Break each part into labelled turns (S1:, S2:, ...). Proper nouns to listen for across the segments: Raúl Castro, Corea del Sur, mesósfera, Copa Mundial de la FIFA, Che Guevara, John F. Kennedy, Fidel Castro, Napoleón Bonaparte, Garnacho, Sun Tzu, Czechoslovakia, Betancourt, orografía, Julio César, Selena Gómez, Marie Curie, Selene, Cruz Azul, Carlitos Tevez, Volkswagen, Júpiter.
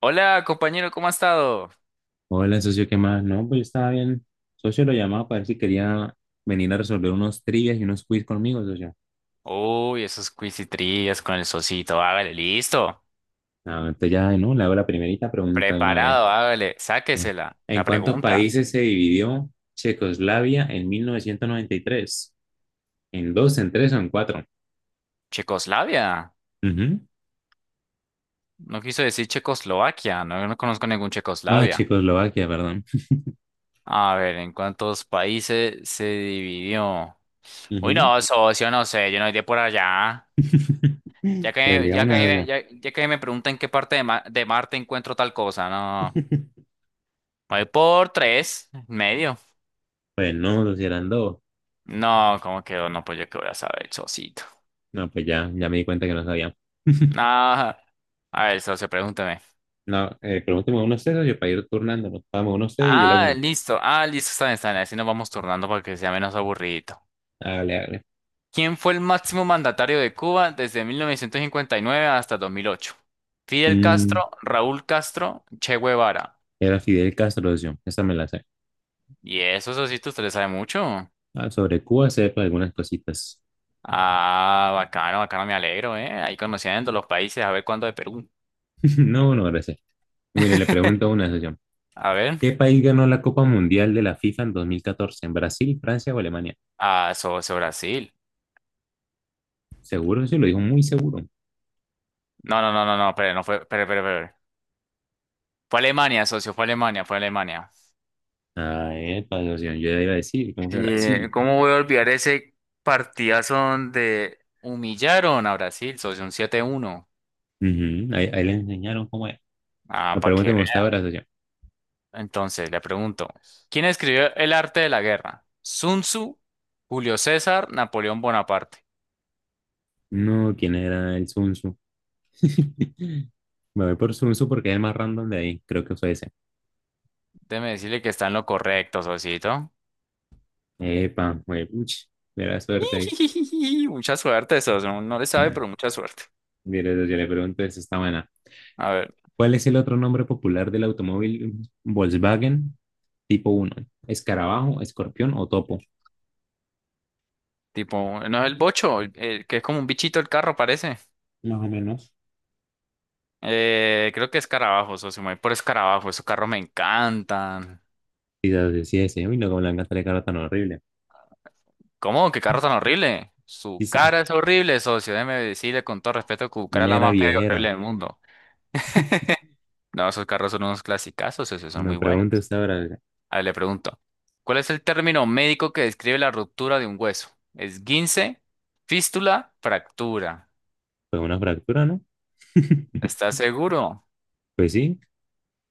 S1: Hola, compañero, ¿cómo ha estado?
S2: Hola, socio, ¿qué más? No, pues yo estaba bien. Socio lo llamaba para ver si quería venir a resolver unos trivias y unos quiz conmigo, socio.
S1: Uy, esos quiz y trivias con el socito. Hágale, listo.
S2: Ah, entonces ya, ¿no? Le hago la primerita pregunta de una vez.
S1: Preparado, hágale.
S2: Bien.
S1: Sáquesela.
S2: ¿En
S1: La
S2: cuántos
S1: pregunta.
S2: países se dividió Checoslavia en 1993? ¿En dos, en tres o en cuatro?
S1: Checoslavia.
S2: Ujú.
S1: No quiso decir Checoslovaquia. No, no conozco ningún
S2: Ah,
S1: Checoslavia.
S2: Checoslovaquia, perdón.
S1: A ver, ¿en cuántos países se dividió? Uy,
S2: Ujú.
S1: no, socio, no sé. Yo no iré por allá.
S2: Pues digamos eso
S1: Ya que me preguntan en qué parte de, de Marte encuentro tal cosa. No.
S2: yo.
S1: Voy por tres, medio.
S2: Pues no, socio, eran dos.
S1: No, ¿cómo quedó? No, pues yo qué voy a saber, socito.
S2: No, pues ya, ya me di cuenta que no sabía.
S1: Ah, a ver, socio, pregúntame.
S2: No, pregúnteme unos sesos y para ir turnándonos. Vamos, uno sé y yo le hago
S1: Ah,
S2: una.
S1: listo. Ah, listo, está bien, está bien. Así nos vamos turnando para que sea menos aburridito.
S2: Hágale, hágale.
S1: ¿Quién fue el máximo mandatario de Cuba desde 1959 hasta 2008? Fidel
S2: Mm,
S1: Castro, Raúl Castro, Che Guevara.
S2: era Fidel Castro, yo. Esa me la sé.
S1: Y eso, socito, usted le sabe mucho.
S2: Ah, sobre Cuba sé sepa algunas cositas.
S1: Ah, bacano, bacano, me alegro, ¿eh? Ahí conociendo los países, a ver cuándo de Perú.
S2: No, no, gracias. Mire, le pregunto una sesión.
S1: A ver.
S2: ¿Qué país ganó la Copa Mundial de la FIFA en 2014? ¿En Brasil, Francia o Alemania?
S1: Ah, socio, Brasil.
S2: Seguro, sí, lo dijo muy seguro.
S1: No, no, no, no, no, espere, no fue, espere, espere, espere. Fue Alemania, socio, fue Alemania, fue Alemania.
S2: Ah, epa, socio, yo ya iba a decir, ¿cómo que
S1: Sí,
S2: Brasil?
S1: ¿cómo voy a olvidar ese partidazo donde humillaron a Brasil, socio, un 7-1?
S2: Ujú, ahí le enseñaron cómo es.
S1: Ah,
S2: La
S1: para
S2: pregunta
S1: que
S2: me gustaba
S1: vea.
S2: ahora, socio.
S1: Entonces, le pregunto, ¿quién escribió El arte de la guerra? Sun Tzu, Julio César, Napoleón Bonaparte.
S2: No, ¿quién era el Sun Tzu? Me voy por Sun Tzu porque es el más random de ahí. Creo que fue ese.
S1: Déjeme decirle que está en lo correcto, socito.
S2: Epa, juepuch, mera suerte ahí.
S1: Mucha suerte, socio. No le sabe, pero mucha suerte.
S2: Mira, yo le pregunto, esa está buena.
S1: A ver,
S2: ¿Cuál es el otro nombre popular del automóvil Volkswagen tipo uno? ¿Escarabajo, escorpión o topo?
S1: tipo, ¿no es el bocho? El que es como un bichito el carro, parece.
S2: Más o menos.
S1: Creo que escarabajo, socio. Me voy por escarabajo. Esos carros me encantan.
S2: Quizás decía ese, uy, no, como le han gastado la cara tan horrible.
S1: ¿Cómo? ¿Qué carro tan horrible? Su cara
S2: Quizá,
S1: es horrible, socio. Déjeme decirle con todo respeto que su cara es la
S2: mera
S1: más fea y
S2: viejera.
S1: horrible del mundo. No, esos carros son unos clasicazos, socio. Son
S2: Una
S1: muy buenos.
S2: pregunta, usted habrá,
S1: A ver, le pregunto. ¿Cuál es el término médico que describe la ruptura de un hueso? ¿Esguince, fístula, fractura?
S2: fue una fractura, ¿no?
S1: ¿Estás seguro?
S2: Pues sí,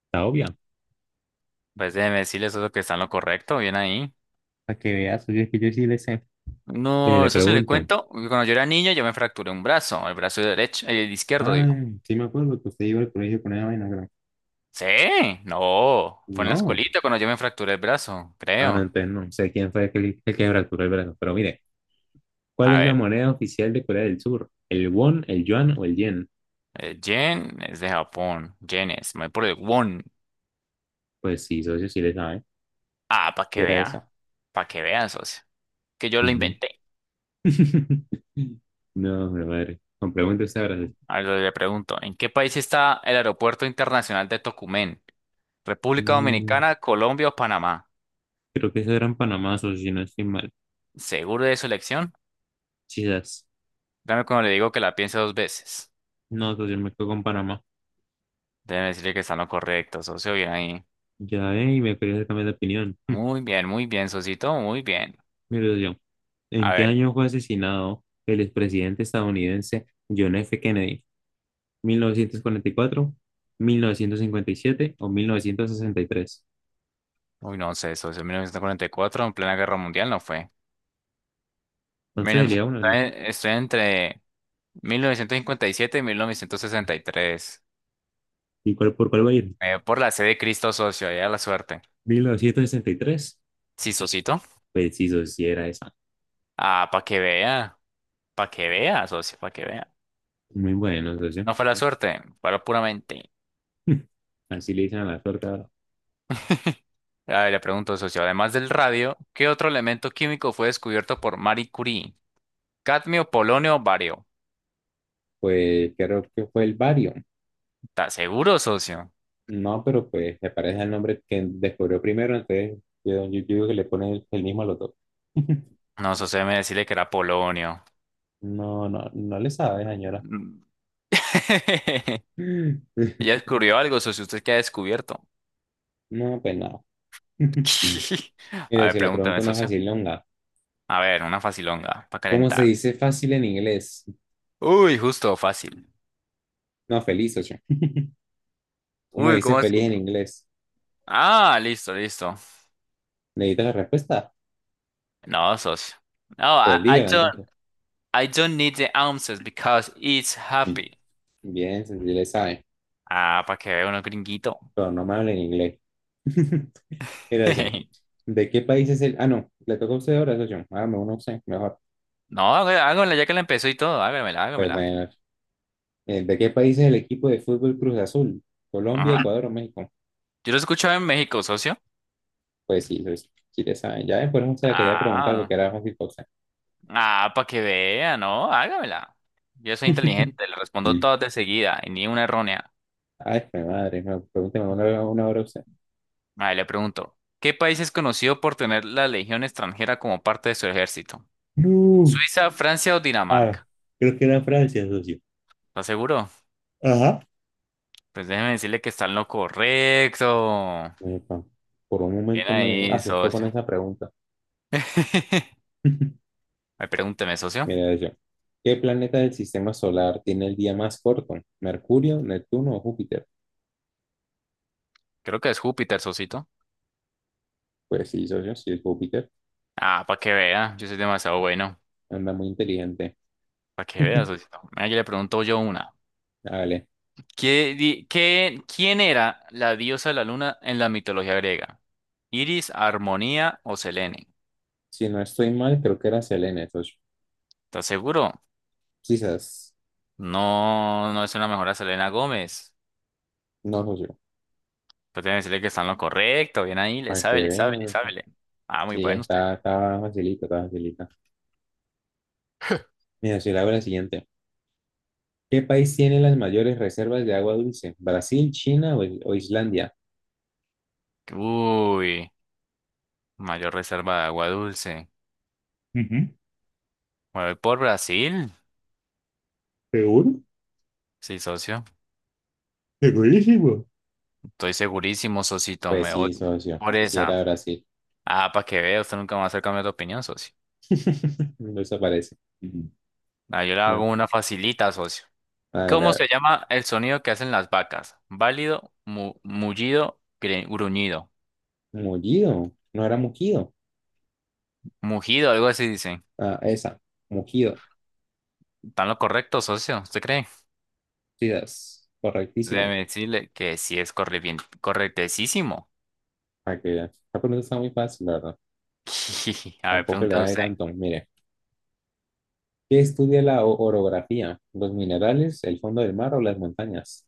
S2: está obvia.
S1: Pues déjeme decirle, socio, que está en lo correcto. Bien ahí.
S2: Para que veas, oye, es que yo sí le sé. Mire,
S1: No,
S2: le
S1: eso se le
S2: pregunto.
S1: cuento. Cuando yo era niño, yo me fracturé un brazo, el brazo derecho, el izquierdo, digo.
S2: Ay, sí me acuerdo que usted iba al colegio con esa vaina, creo.
S1: Sí, no, fue en la
S2: No.
S1: escuelita cuando yo me fracturé el brazo,
S2: Ah, no,
S1: creo.
S2: entonces no sé quién fue el que fracturó el brazo. Pero mire, ¿cuál
S1: A
S2: es la
S1: ver,
S2: moneda oficial de Corea del Sur? ¿El won, el yuan o el yen?
S1: Jen es de Japón, Jen es, me voy por el won.
S2: Pues sí, socio, sí le sabe.
S1: Ah,
S2: Y era esa.
S1: para que vea, socio, que yo lo
S2: Ujú.
S1: inventé.
S2: No, mi madre. Con preguntas ahora.
S1: A ver, le pregunto, ¿en qué país está el aeropuerto internacional de Tocumen? ¿República
S2: No,
S1: Dominicana, Colombia o Panamá?
S2: creo que eso era en Panamá, socio, si no estoy mal.
S1: ¿Seguro de su elección?
S2: Quizás.
S1: Dame cuando le digo que la piense dos veces.
S2: No, socio, me quedo con Panamá.
S1: Déjeme decirle que está en lo correcto, socio. Bien ahí.
S2: Ya ve, y me quería cambiar de opinión.
S1: Muy bien, socito. Muy bien.
S2: Mire, socio,
S1: A
S2: ¿en qué
S1: ver.
S2: año fue asesinado el expresidente estadounidense John F. Kennedy? Mil novecientos cuarenta y cuatro, 1957 o 1963.
S1: Uy, no sé, socio. 1944, en plena guerra mundial, no fue.
S2: Entonces
S1: 1900.
S2: sería uno, ¿no?
S1: Estoy entre 1957 y 1963.
S2: ¿Y cuál, por cuál va a ir?
S1: Por la sede de Cristo, socio. Ya la suerte.
S2: 1963.
S1: Sí, socito.
S2: Preciso, si era esa.
S1: Ah, para que vea. Para que vea, socio. Para que vea.
S2: Muy bueno, socio.
S1: No fue la suerte, fue la pura mente.
S2: Así le dicen a la suerte ahora.
S1: A ver, le pregunto, socio, además del radio, ¿qué otro elemento químico fue descubierto por Marie Curie? Cadmio, polonio, bario.
S2: Pues creo que fue el bario.
S1: ¿Estás seguro, socio?
S2: No, pero pues se parece al nombre que descubrió primero, entonces yo digo que le ponen el mismo a los dos.
S1: No, socio, me decirle que era polonio.
S2: No, no, no le sabe, señora.
S1: Mm. ¿Ya descubrió algo, socio? ¿Usted qué ha descubierto?
S2: No, pues nada.
S1: A
S2: Mire,
S1: ver,
S2: si le pregunto
S1: pregúntame,
S2: una
S1: socio.
S2: facilonga.
S1: A ver, una facilonga para
S2: ¿Cómo se
S1: calentar.
S2: dice fácil en inglés?
S1: Uy, justo, fácil.
S2: No, feliz, ocho. ¿Cómo se
S1: Uy,
S2: dice
S1: ¿cómo es?
S2: feliz en inglés?
S1: Ah, listo, listo.
S2: ¿Necesitas la respuesta?
S1: No, socio. No,
S2: Pues dígala entonces.
S1: I don't need the answers because it's
S2: Mm.
S1: happy.
S2: Bien, si le sabe,
S1: Ah, para que vea uno gringuito.
S2: pero no me habla en inglés. Mira, Ocean, ¿de qué país es el...? Ah, no, le toca a usted ahora, Ocean. Hágame una opción, mejor.
S1: No, hágamela ya que la empezó y todo. Hágamela,
S2: Pues
S1: hágamela.
S2: bueno, ¿de qué país es el equipo de fútbol Cruz Azul? ¿Colombia, Ecuador o México?
S1: Yo lo escuchaba en México, socio.
S2: Pues sí, sí, sí le saben. Ya después no se la quería preguntar
S1: Ah,
S2: porque era muy cosa.
S1: ah, para que vea, ¿no? Hágamela. Yo soy inteligente, le respondo
S2: Mm.
S1: todas de seguida y ni una errónea.
S2: Ay, mi madre, no, pregúnteme una, hora a usted.
S1: Ahí le pregunto, ¿qué país es conocido por tener la Legión extranjera como parte de su ejército?
S2: No.
S1: ¿Suiza, Francia o
S2: Ah,
S1: Dinamarca?
S2: creo que era Francia, socio.
S1: ¿Está seguro?
S2: Ajá.
S1: Pues déjeme decirle que está en lo correcto.
S2: Epa, por un
S1: Bien
S2: momento me
S1: ahí,
S2: asustó con
S1: socio.
S2: esa pregunta.
S1: Ay, pregúnteme, socio.
S2: Mira yo. ¿Qué planeta del sistema solar tiene el día más corto? ¿Mercurio, Neptuno o Júpiter?
S1: Creo que es Júpiter, socito.
S2: Pues sí, socio, sí es Júpiter.
S1: Ah, para que vea, yo soy demasiado bueno.
S2: Anda muy inteligente.
S1: Para que vea, socito. Mira, yo le pregunto yo una.
S2: Dale.
S1: ¿ quién era la diosa de la luna en la mitología griega? ¿Iris, Armonía o Selene?
S2: Si no estoy mal, creo que era Selene, socio.
S1: ¿Estás seguro?
S2: Quizás.
S1: No, no es una mejora Selena Gómez.
S2: No, socio.
S1: Pues tiene que decirle que está en lo correcto. Bien ahí, le
S2: Para que
S1: sabe, le sabe, le
S2: vean.
S1: sabe. Le- Ah, muy
S2: Sí,
S1: bueno usted.
S2: está facilita, está facilita. Mira, si le hago la siguiente. ¿Qué país tiene las mayores reservas de agua dulce? ¿Brasil, China o Islandia?
S1: Uy, mayor reserva de agua dulce.
S2: Ujú.
S1: Me voy por Brasil.
S2: Seguro,
S1: Sí, socio.
S2: segurísimo.
S1: Estoy segurísimo, socito.
S2: Pues
S1: Me voy
S2: sí, socio.
S1: por
S2: Si
S1: esa.
S2: era Brasil.
S1: Ah, para que vea, usted nunca va a hacer cambiar de opinión, socio.
S2: No se parece. Ujú.
S1: Ah, yo le hago
S2: Bueno,
S1: una facilita, socio.
S2: hágale,
S1: ¿Cómo
S2: a
S1: se
S2: ver.
S1: llama el sonido que hacen las vacas? Válido, mullido, gruñido,
S2: Mullido. No era mugido.
S1: mugido, algo así dicen.
S2: Ah, esa. Mugido.
S1: ¿Están lo correcto, socio? ¿Usted cree?
S2: Sí, es correctísimo.
S1: Déjeme decirle que sí es corre bien, correctísimo.
S2: Para que vea. La pregunta está muy fácil, la verdad.
S1: A ver,
S2: Tampoco le
S1: pregunta
S2: va a ir
S1: usted.
S2: tanto. Mire. ¿Qué estudia la orografía? ¿Los minerales, el fondo del mar o las montañas?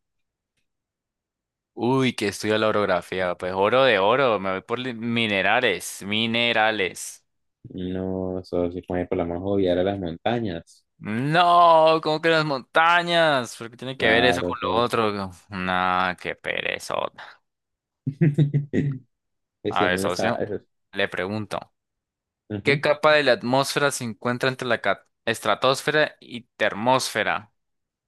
S1: Uy, que estudia la orografía. Pues oro de oro, me voy por minerales, minerales.
S2: No, socio, como por la más obvia era las montañas.
S1: No, ¿cómo que las montañas? ¿Por qué tiene que ver eso
S2: Claro,
S1: con
S2: todo
S1: lo
S2: eso.
S1: otro? Nah, qué perezota.
S2: Es
S1: A
S2: que
S1: ver,
S2: no le
S1: socio,
S2: sabes.
S1: le pregunto. ¿Qué
S2: Ujú.
S1: capa de la atmósfera se encuentra entre la estratosfera y termósfera?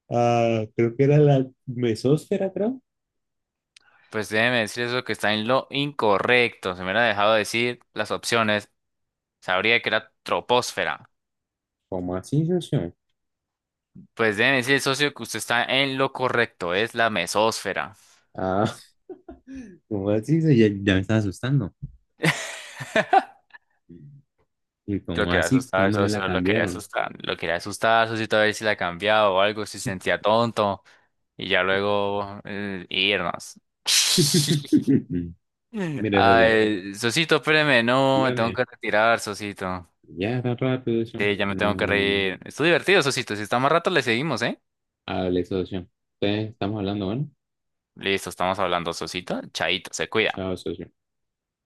S2: Ah, creo que era la mesósfera, creo.
S1: Pues déjeme decir eso que está en lo incorrecto. Se me hubiera dejado decir las opciones. Sabría que era troposfera.
S2: ¿Cómo así, socio?
S1: Pues déjeme decir, socio, que usted está en lo correcto. Es la mesósfera.
S2: Ah, ¿cómo así, socio? Ya, ya me estaba asustando. ¿Y
S1: Lo
S2: cómo
S1: quería
S2: así?
S1: asustar,
S2: ¿Cuándo me la
S1: socio, lo quería
S2: cambiaron?
S1: asustar. Lo quería asustar, socio, a ver si la cambiaba o algo, si se sentía tonto. Y ya luego irnos.
S2: Mire, socio,
S1: Ay, Sosito, espéreme, no, me tengo
S2: dígame.
S1: que retirar, Sosito.
S2: Ya, tan rápido, socio.
S1: Sí, ya me tengo que
S2: No,
S1: reír. Estuvo divertido, Sosito. Si está más rato, le seguimos, ¿eh?
S2: hable, socio. Ustedes estamos hablando, bueno.
S1: Listo, estamos hablando, Sosito. Chaito, se cuida.
S2: Chao, socio.